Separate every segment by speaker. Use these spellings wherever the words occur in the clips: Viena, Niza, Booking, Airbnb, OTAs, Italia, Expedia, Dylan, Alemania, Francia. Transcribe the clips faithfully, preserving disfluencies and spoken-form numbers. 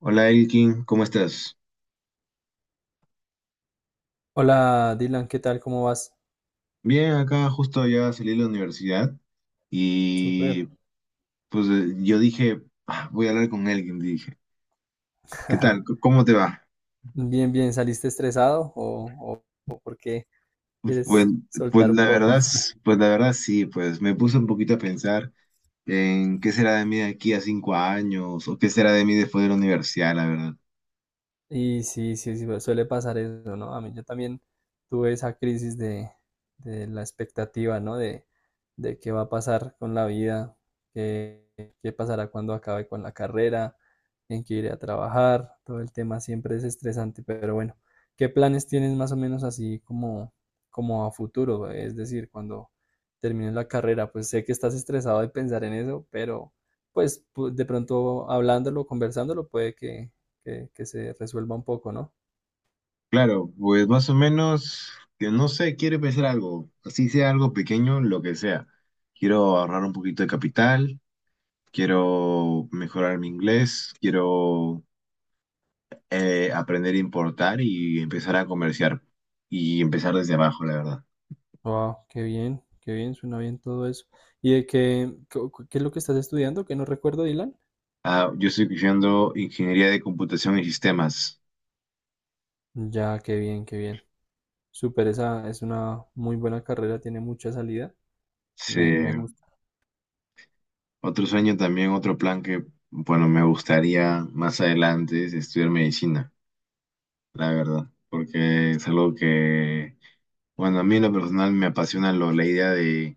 Speaker 1: Hola Elkin, ¿cómo estás?
Speaker 2: Hola Dylan, ¿qué tal? ¿Cómo vas?
Speaker 1: Bien, acá justo ya salí de la universidad
Speaker 2: Súper.
Speaker 1: y pues eh, yo dije, "Ah, voy a hablar con Elkin", dije. ¿Qué tal? C- ¿Cómo te va?
Speaker 2: Bien, bien. ¿Saliste estresado o, o, o por qué
Speaker 1: Pues,
Speaker 2: quieres
Speaker 1: pues
Speaker 2: soltar un
Speaker 1: la
Speaker 2: poco?
Speaker 1: verdad, s- pues la verdad sí, pues me puse un poquito a pensar en qué será de mí de aquí a cinco años o qué será de mí después de la universidad, la verdad.
Speaker 2: Y sí, sí, sí, pues, suele pasar eso, ¿no? A mí yo también tuve esa crisis de, de la expectativa, ¿no? De, de qué va a pasar con la vida, qué, qué pasará cuando acabe con la carrera, en qué iré a trabajar, todo el tema siempre es estresante, pero bueno, ¿qué planes tienes más o menos así como, como a futuro? Es decir, cuando termines la carrera, pues sé que estás estresado de pensar en eso, pero pues pu- de pronto hablándolo, conversándolo, puede que que, que se resuelva un poco, ¿no?
Speaker 1: Claro, pues más o menos, que no sé, quiero empezar algo, así sea algo pequeño, lo que sea. Quiero ahorrar un poquito de capital, quiero mejorar mi inglés, quiero eh, aprender a importar y empezar a comerciar y empezar desde abajo, la verdad.
Speaker 2: Wow, qué bien, qué bien, suena bien todo eso. ¿Y de qué, cu- cu- qué es lo que estás estudiando? Que no recuerdo, Dylan.
Speaker 1: Ah, yo estoy estudiando ingeniería de computación y sistemas.
Speaker 2: Ya, qué bien, qué bien. Súper, esa es una muy buena carrera, tiene mucha salida.
Speaker 1: Sí.
Speaker 2: Me, me gusta.
Speaker 1: Otro sueño también, otro plan que, bueno, me gustaría más adelante, es estudiar medicina, la verdad, porque es algo que, bueno, a mí en lo personal me apasiona lo- la idea de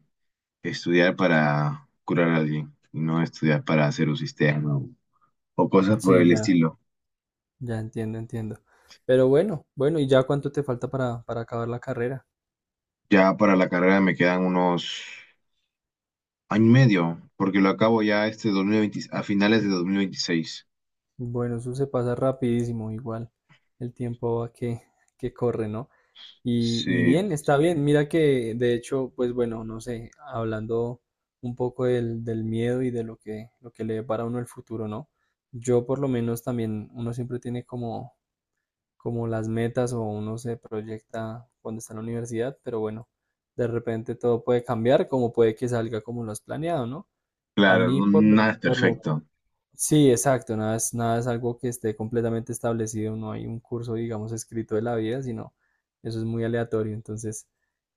Speaker 1: estudiar para curar a alguien, y no estudiar para hacer un sistema o cosas por
Speaker 2: Sí,
Speaker 1: el
Speaker 2: ya,
Speaker 1: estilo.
Speaker 2: ya entiendo, entiendo. Pero bueno, bueno, ¿y ya cuánto te falta para, para acabar la carrera?
Speaker 1: Ya para la carrera me quedan unos año y medio, porque lo acabo ya este dos mil veinte, a finales de dos mil veintiséis.
Speaker 2: Bueno, eso se pasa rapidísimo, igual. El tiempo va que, que corre, ¿no? Y, y
Speaker 1: Sí,
Speaker 2: bien, está bien. Mira que, de hecho, pues bueno, no sé, hablando un poco del, del miedo y de lo que, lo que le depara a uno el futuro, ¿no? Yo por lo menos también, uno siempre tiene como, como las metas o uno se proyecta cuando está en la universidad, pero bueno, de repente todo puede cambiar, como puede que salga como lo has planeado, ¿no? A
Speaker 1: claro,
Speaker 2: mí
Speaker 1: no-
Speaker 2: por lo,
Speaker 1: nada es
Speaker 2: por lo,
Speaker 1: perfecto.
Speaker 2: sí, exacto, nada es, nada es algo que esté completamente establecido, no hay un curso, digamos, escrito de la vida, sino eso es muy aleatorio. Entonces,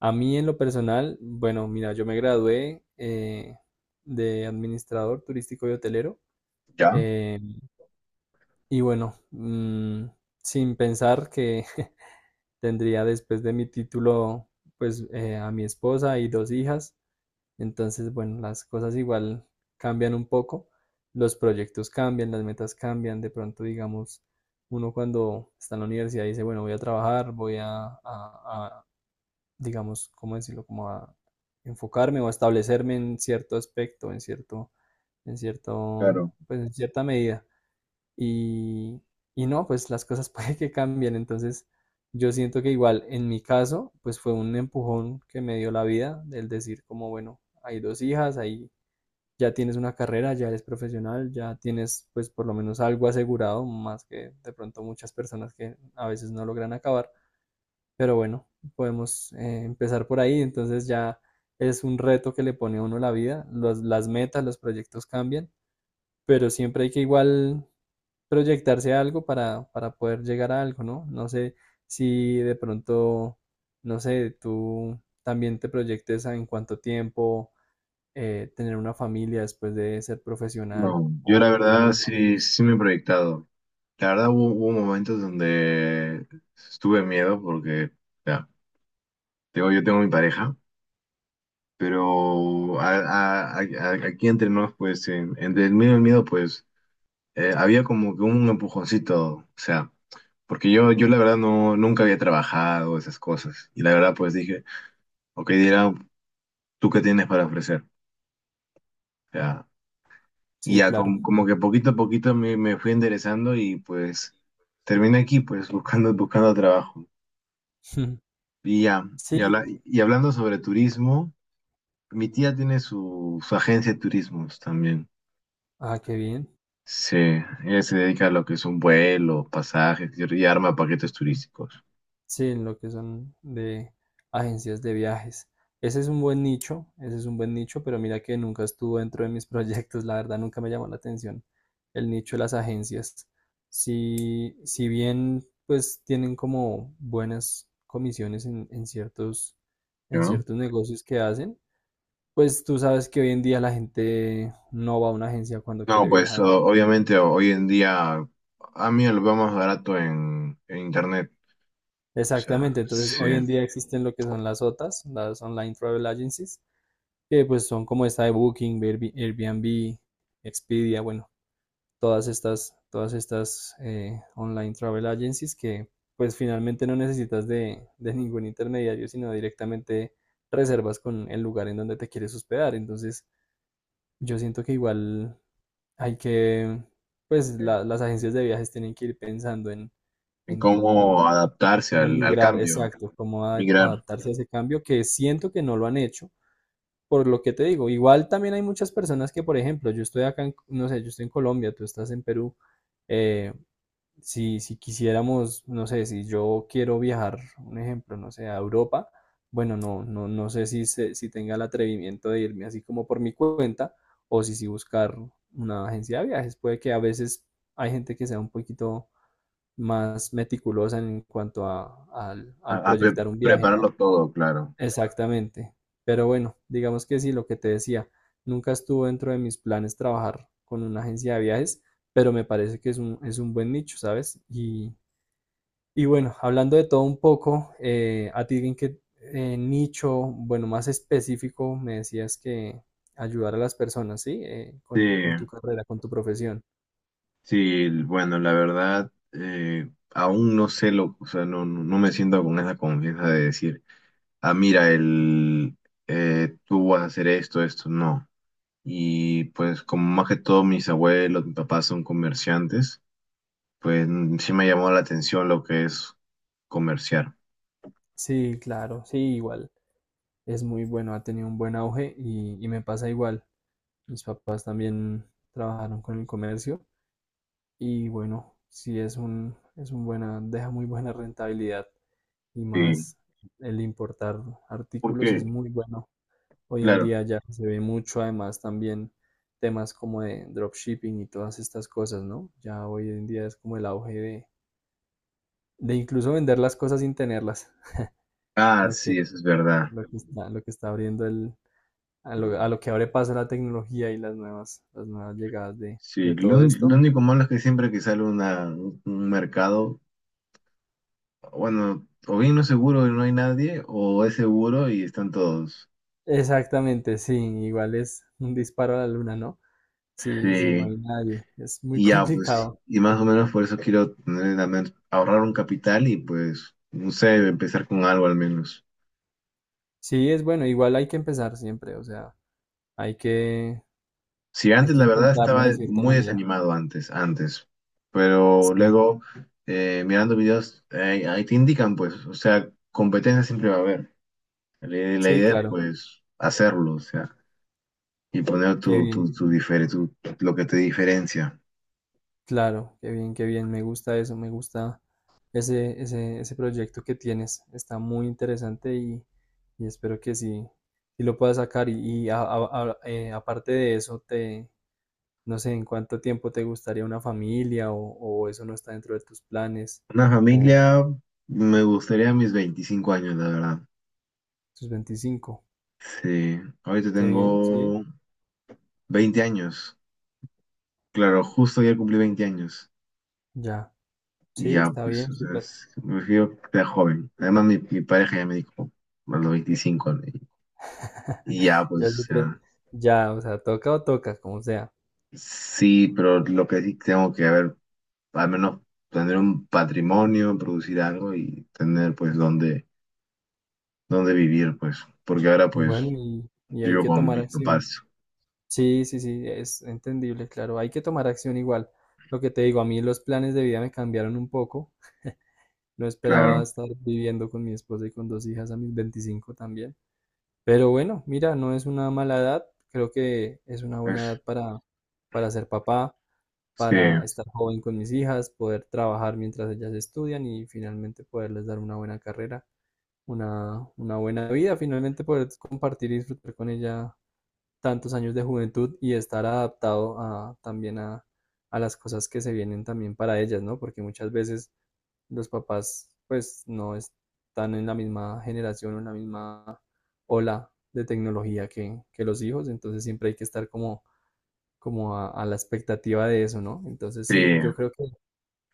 Speaker 2: a mí en lo personal, bueno, mira, yo me gradué eh, de administrador turístico y hotelero.
Speaker 1: ¿Ya?
Speaker 2: Eh, y bueno, mm, sin pensar que tendría después de mi título, pues eh, a mi esposa y dos hijas. Entonces, bueno, las cosas igual cambian un poco, los proyectos cambian, las metas cambian, de pronto, digamos, uno cuando está en la universidad dice, bueno, voy a trabajar, voy a, a- a, digamos, ¿cómo decirlo? Como a enfocarme o a establecerme en cierto aspecto, en cierto, en cierto,
Speaker 1: Claro.
Speaker 2: pues en cierta medida y, y no, pues las cosas puede que cambien. Entonces, yo siento que igual en mi caso, pues fue un empujón que me dio la vida, del decir como, bueno, hay dos hijas, ahí ya tienes una carrera, ya eres profesional, ya tienes pues por lo menos algo asegurado, más que de pronto muchas personas que a veces no logran acabar. Pero bueno, podemos eh, empezar por ahí, entonces ya es un reto que le pone a uno la vida, los- las metas, los proyectos cambian pero siempre hay que igual proyectarse a algo para, para poder llegar a algo, ¿no? No sé si de pronto, no sé, tú también te proyectes a en cuánto tiempo eh, tener una familia después de ser profesional
Speaker 1: No, yo
Speaker 2: o,
Speaker 1: la
Speaker 2: o cómo
Speaker 1: verdad
Speaker 2: lo
Speaker 1: sí,
Speaker 2: manejas.
Speaker 1: sí me he proyectado. La verdad hubo, hubo momentos donde estuve miedo porque, ya, tengo, yo tengo mi pareja, pero a- a- a- a- aquí entre nos, pues, en- entre el miedo y el miedo, pues, eh, había como que un empujoncito, o sea. Porque yo, yo la verdad no, nunca había trabajado esas cosas. Y la verdad pues dije, ok, dirá, ¿tú qué tienes para ofrecer? O sea, y
Speaker 2: Sí,
Speaker 1: ya com-
Speaker 2: claro.
Speaker 1: como, que poquito a poquito me, me fui enderezando y pues terminé aquí pues buscando, buscando trabajo. Y ya,
Speaker 2: Sí,
Speaker 1: y, habla- y hablando sobre turismo, mi tía tiene su, su agencia de turismos también.
Speaker 2: ah, qué bien.
Speaker 1: Sí, ella se dedica a lo que es un vuelo, pasajes y y arma paquetes turísticos,
Speaker 2: Sí, en lo que son de agencias de viajes. Ese es un buen nicho, ese es un buen nicho, pero mira que nunca estuvo dentro de mis proyectos, la verdad nunca me llamó la atención el nicho de las agencias. Si, si bien pues tienen como buenas comisiones en, en ciertos, en
Speaker 1: ¿no?
Speaker 2: ciertos negocios que hacen, pues tú sabes que hoy en día la gente no va a una agencia cuando quiere
Speaker 1: No, pues
Speaker 2: viajar.
Speaker 1: o- obviamente hoy en día a mí lo veo más barato en, en internet, o sea,
Speaker 2: Exactamente, entonces
Speaker 1: sí,
Speaker 2: hoy en
Speaker 1: en
Speaker 2: día existen lo que son las O T As, las Online Travel Agencies que pues son como esta de Booking, Airb- Airbnb, Expedia, bueno, todas estas, todas estas eh, online travel agencies que pues finalmente no necesitas de, de ningún intermediario, sino directamente reservas con el lugar en donde te quieres hospedar. Entonces, yo siento que igual hay que, pues la- las agencias de viajes tienen que ir pensando en,
Speaker 1: en
Speaker 2: en cómo,
Speaker 1: cómo adaptarse
Speaker 2: cómo
Speaker 1: al, al
Speaker 2: migrar,
Speaker 1: cambio,
Speaker 2: exacto, cómo a-
Speaker 1: migrar,
Speaker 2: adaptarse a ese cambio, que siento que no lo han hecho por lo que te digo, igual también hay muchas personas que, por ejemplo, yo estoy acá, en- no sé, yo estoy en Colombia, tú estás en Perú. eh, si, si quisiéramos, no sé, si yo quiero viajar, un ejemplo, no sé, a Europa, bueno, no, no, no sé si, se- si tenga el atrevimiento de irme así como por mi cuenta o si, si buscar una agencia de viajes. Puede que a veces hay gente que sea un poquito más meticulosa en cuanto a, al, al
Speaker 1: a, a pre-
Speaker 2: proyectar un viaje,
Speaker 1: prepararlo
Speaker 2: ¿no?
Speaker 1: todo, claro.
Speaker 2: Exactamente. Pero bueno, digamos que sí, lo que te decía, nunca estuvo dentro de mis planes trabajar con una agencia de viajes, pero me parece que es un, es un buen nicho, ¿sabes? Y, y bueno, hablando de todo un poco, eh, a ti en qué eh, nicho, bueno, más específico, me decías que ayudar a las personas, ¿sí? Eh,
Speaker 1: Sí,
Speaker 2: con, con tu carrera, con tu profesión.
Speaker 1: sí, bueno, la verdad, eh, aún no sé lo, o sea, no, no no me siento con esa confianza de decir, ah, mira, el, eh, tú vas a hacer esto, esto, no. Y pues como más que todo mis abuelos, mi papá son comerciantes. Pues sí me llamó la atención lo que es comerciar.
Speaker 2: Sí, claro, sí, igual. Es muy bueno, ha tenido un buen auge y, y me pasa igual. Mis papás también trabajaron con el comercio. Y bueno, sí es un, es un buena, deja muy buena rentabilidad y
Speaker 1: Sí,
Speaker 2: más el importar artículos es
Speaker 1: porque,
Speaker 2: muy bueno. Hoy en
Speaker 1: claro.
Speaker 2: día ya se ve mucho, además también temas como de dropshipping y todas estas cosas, ¿no? Ya hoy en día es como el auge de, de incluso vender las cosas sin tenerlas,
Speaker 1: Ah,
Speaker 2: lo que,
Speaker 1: sí, eso es verdad.
Speaker 2: lo que está, lo que está abriendo el, a lo, a lo que abre paso la tecnología y las nuevas, las nuevas llegadas de,
Speaker 1: Sí,
Speaker 2: de
Speaker 1: lo,
Speaker 2: todo Sí,
Speaker 1: un-
Speaker 2: esto.
Speaker 1: lo único malo es que siempre que sale una, un un mercado, bueno, o bien no es seguro y no hay nadie, o es seguro y están todos.
Speaker 2: Exactamente, sí, igual es un disparo a la luna, ¿no? Sí, sí, no
Speaker 1: Sí.
Speaker 2: hay nadie. Es muy
Speaker 1: Y ya, pues,
Speaker 2: complicado.
Speaker 1: y más o menos por eso quiero tener la men- ahorrar un capital y pues, no sé, empezar con algo al menos.
Speaker 2: Sí, es bueno, igual hay que empezar siempre, o sea, hay que,
Speaker 1: Sí,
Speaker 2: hay
Speaker 1: antes
Speaker 2: que
Speaker 1: la verdad
Speaker 2: intentarlo
Speaker 1: estaba
Speaker 2: de cierta
Speaker 1: muy
Speaker 2: manera.
Speaker 1: desanimado, antes, antes, pero
Speaker 2: Sí,
Speaker 1: luego eh, mirando videos, eh, ahí te indican pues, o sea, competencia siempre va a haber. La, la
Speaker 2: sí,
Speaker 1: idea es
Speaker 2: claro.
Speaker 1: pues hacerlo, o sea, y poner
Speaker 2: Qué
Speaker 1: tu,
Speaker 2: bien,
Speaker 1: tu, tu, difere- tu- lo que te diferencia.
Speaker 2: claro, qué bien, qué bien. Me gusta eso, me gusta ese, ese, ese proyecto que tienes. Está muy interesante y, y espero que sí, sí lo puedas sacar. Y, y a- a- a- eh, aparte de eso, te, no sé, ¿en cuánto tiempo te gustaría una familia o, o eso no está dentro de tus planes
Speaker 1: Una
Speaker 2: o
Speaker 1: familia, me gustaría mis veinticinco años, la verdad.
Speaker 2: tus veinticinco.
Speaker 1: Sí, ahorita
Speaker 2: Qué bien, sí,
Speaker 1: tengo veinte años. Claro, justo ayer cumplí veinte años.
Speaker 2: ya.
Speaker 1: Y
Speaker 2: Sí,
Speaker 1: ya,
Speaker 2: está
Speaker 1: pues,
Speaker 2: bien,
Speaker 1: o sea,
Speaker 2: súper.
Speaker 1: es- me refiero que era joven. Además, mi, mi pareja ya me dijo, a los veinticinco, ¿no? Y, y ya, pues,
Speaker 2: Ya
Speaker 1: o
Speaker 2: súper.
Speaker 1: sea,
Speaker 2: Ya, o sea, toca o toca, como sea.
Speaker 1: sí, pero lo que sí tengo que haber, al menos tener un patrimonio, producir algo y tener, pues, dónde, dónde vivir, pues, porque ahora,
Speaker 2: Bueno,
Speaker 1: pues,
Speaker 2: y, y hay
Speaker 1: vivo
Speaker 2: que
Speaker 1: con
Speaker 2: tomar
Speaker 1: mis
Speaker 2: acción.
Speaker 1: papás,
Speaker 2: Sí, sí, sí, es entendible, claro. Hay que tomar acción igual. Lo que te digo, a mí los planes de vida me cambiaron un poco. No esperaba
Speaker 1: claro.
Speaker 2: estar viviendo con mi esposa y con dos hijas a mis veinticinco también. Pero bueno, mira, no es una mala edad. Creo que es una buena
Speaker 1: Es,
Speaker 2: edad para, para ser papá.
Speaker 1: sí,
Speaker 2: Para estar joven con mis hijas, poder trabajar mientras ellas estudian y finalmente poderles dar una buena carrera, una, una buena vida, finalmente poder compartir y disfrutar con ella tantos años de juventud y estar adaptado a, también a, a las cosas que se vienen también para ellas, ¿no? Porque muchas veces los papás pues no están en la misma generación o en la misma ola de tecnología que, que los hijos, entonces siempre hay que estar como, como a, a la expectativa de eso, ¿no? Entonces sí,
Speaker 1: sí.
Speaker 2: yo creo que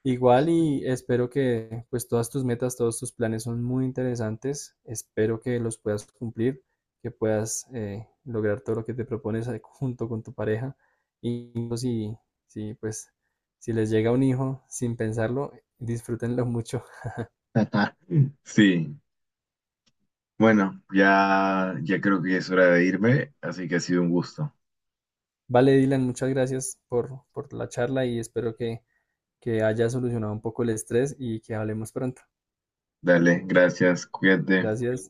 Speaker 2: igual y espero que pues todas tus metas, todos tus planes son muy interesantes. Espero que los puedas cumplir, que puedas eh, lograr todo lo que te propones ahí junto con tu pareja. Y pues, si, si pues si les llega un hijo sin pensarlo, disfrútenlo mucho.
Speaker 1: Sí. Bueno, ya, ya creo que ya es hora de irme, así que ha sido un gusto.
Speaker 2: Vale, Dylan, muchas gracias por, por la charla y espero que, que haya solucionado un poco el estrés y que hablemos pronto.
Speaker 1: Dale, gracias, cuídate.
Speaker 2: Gracias.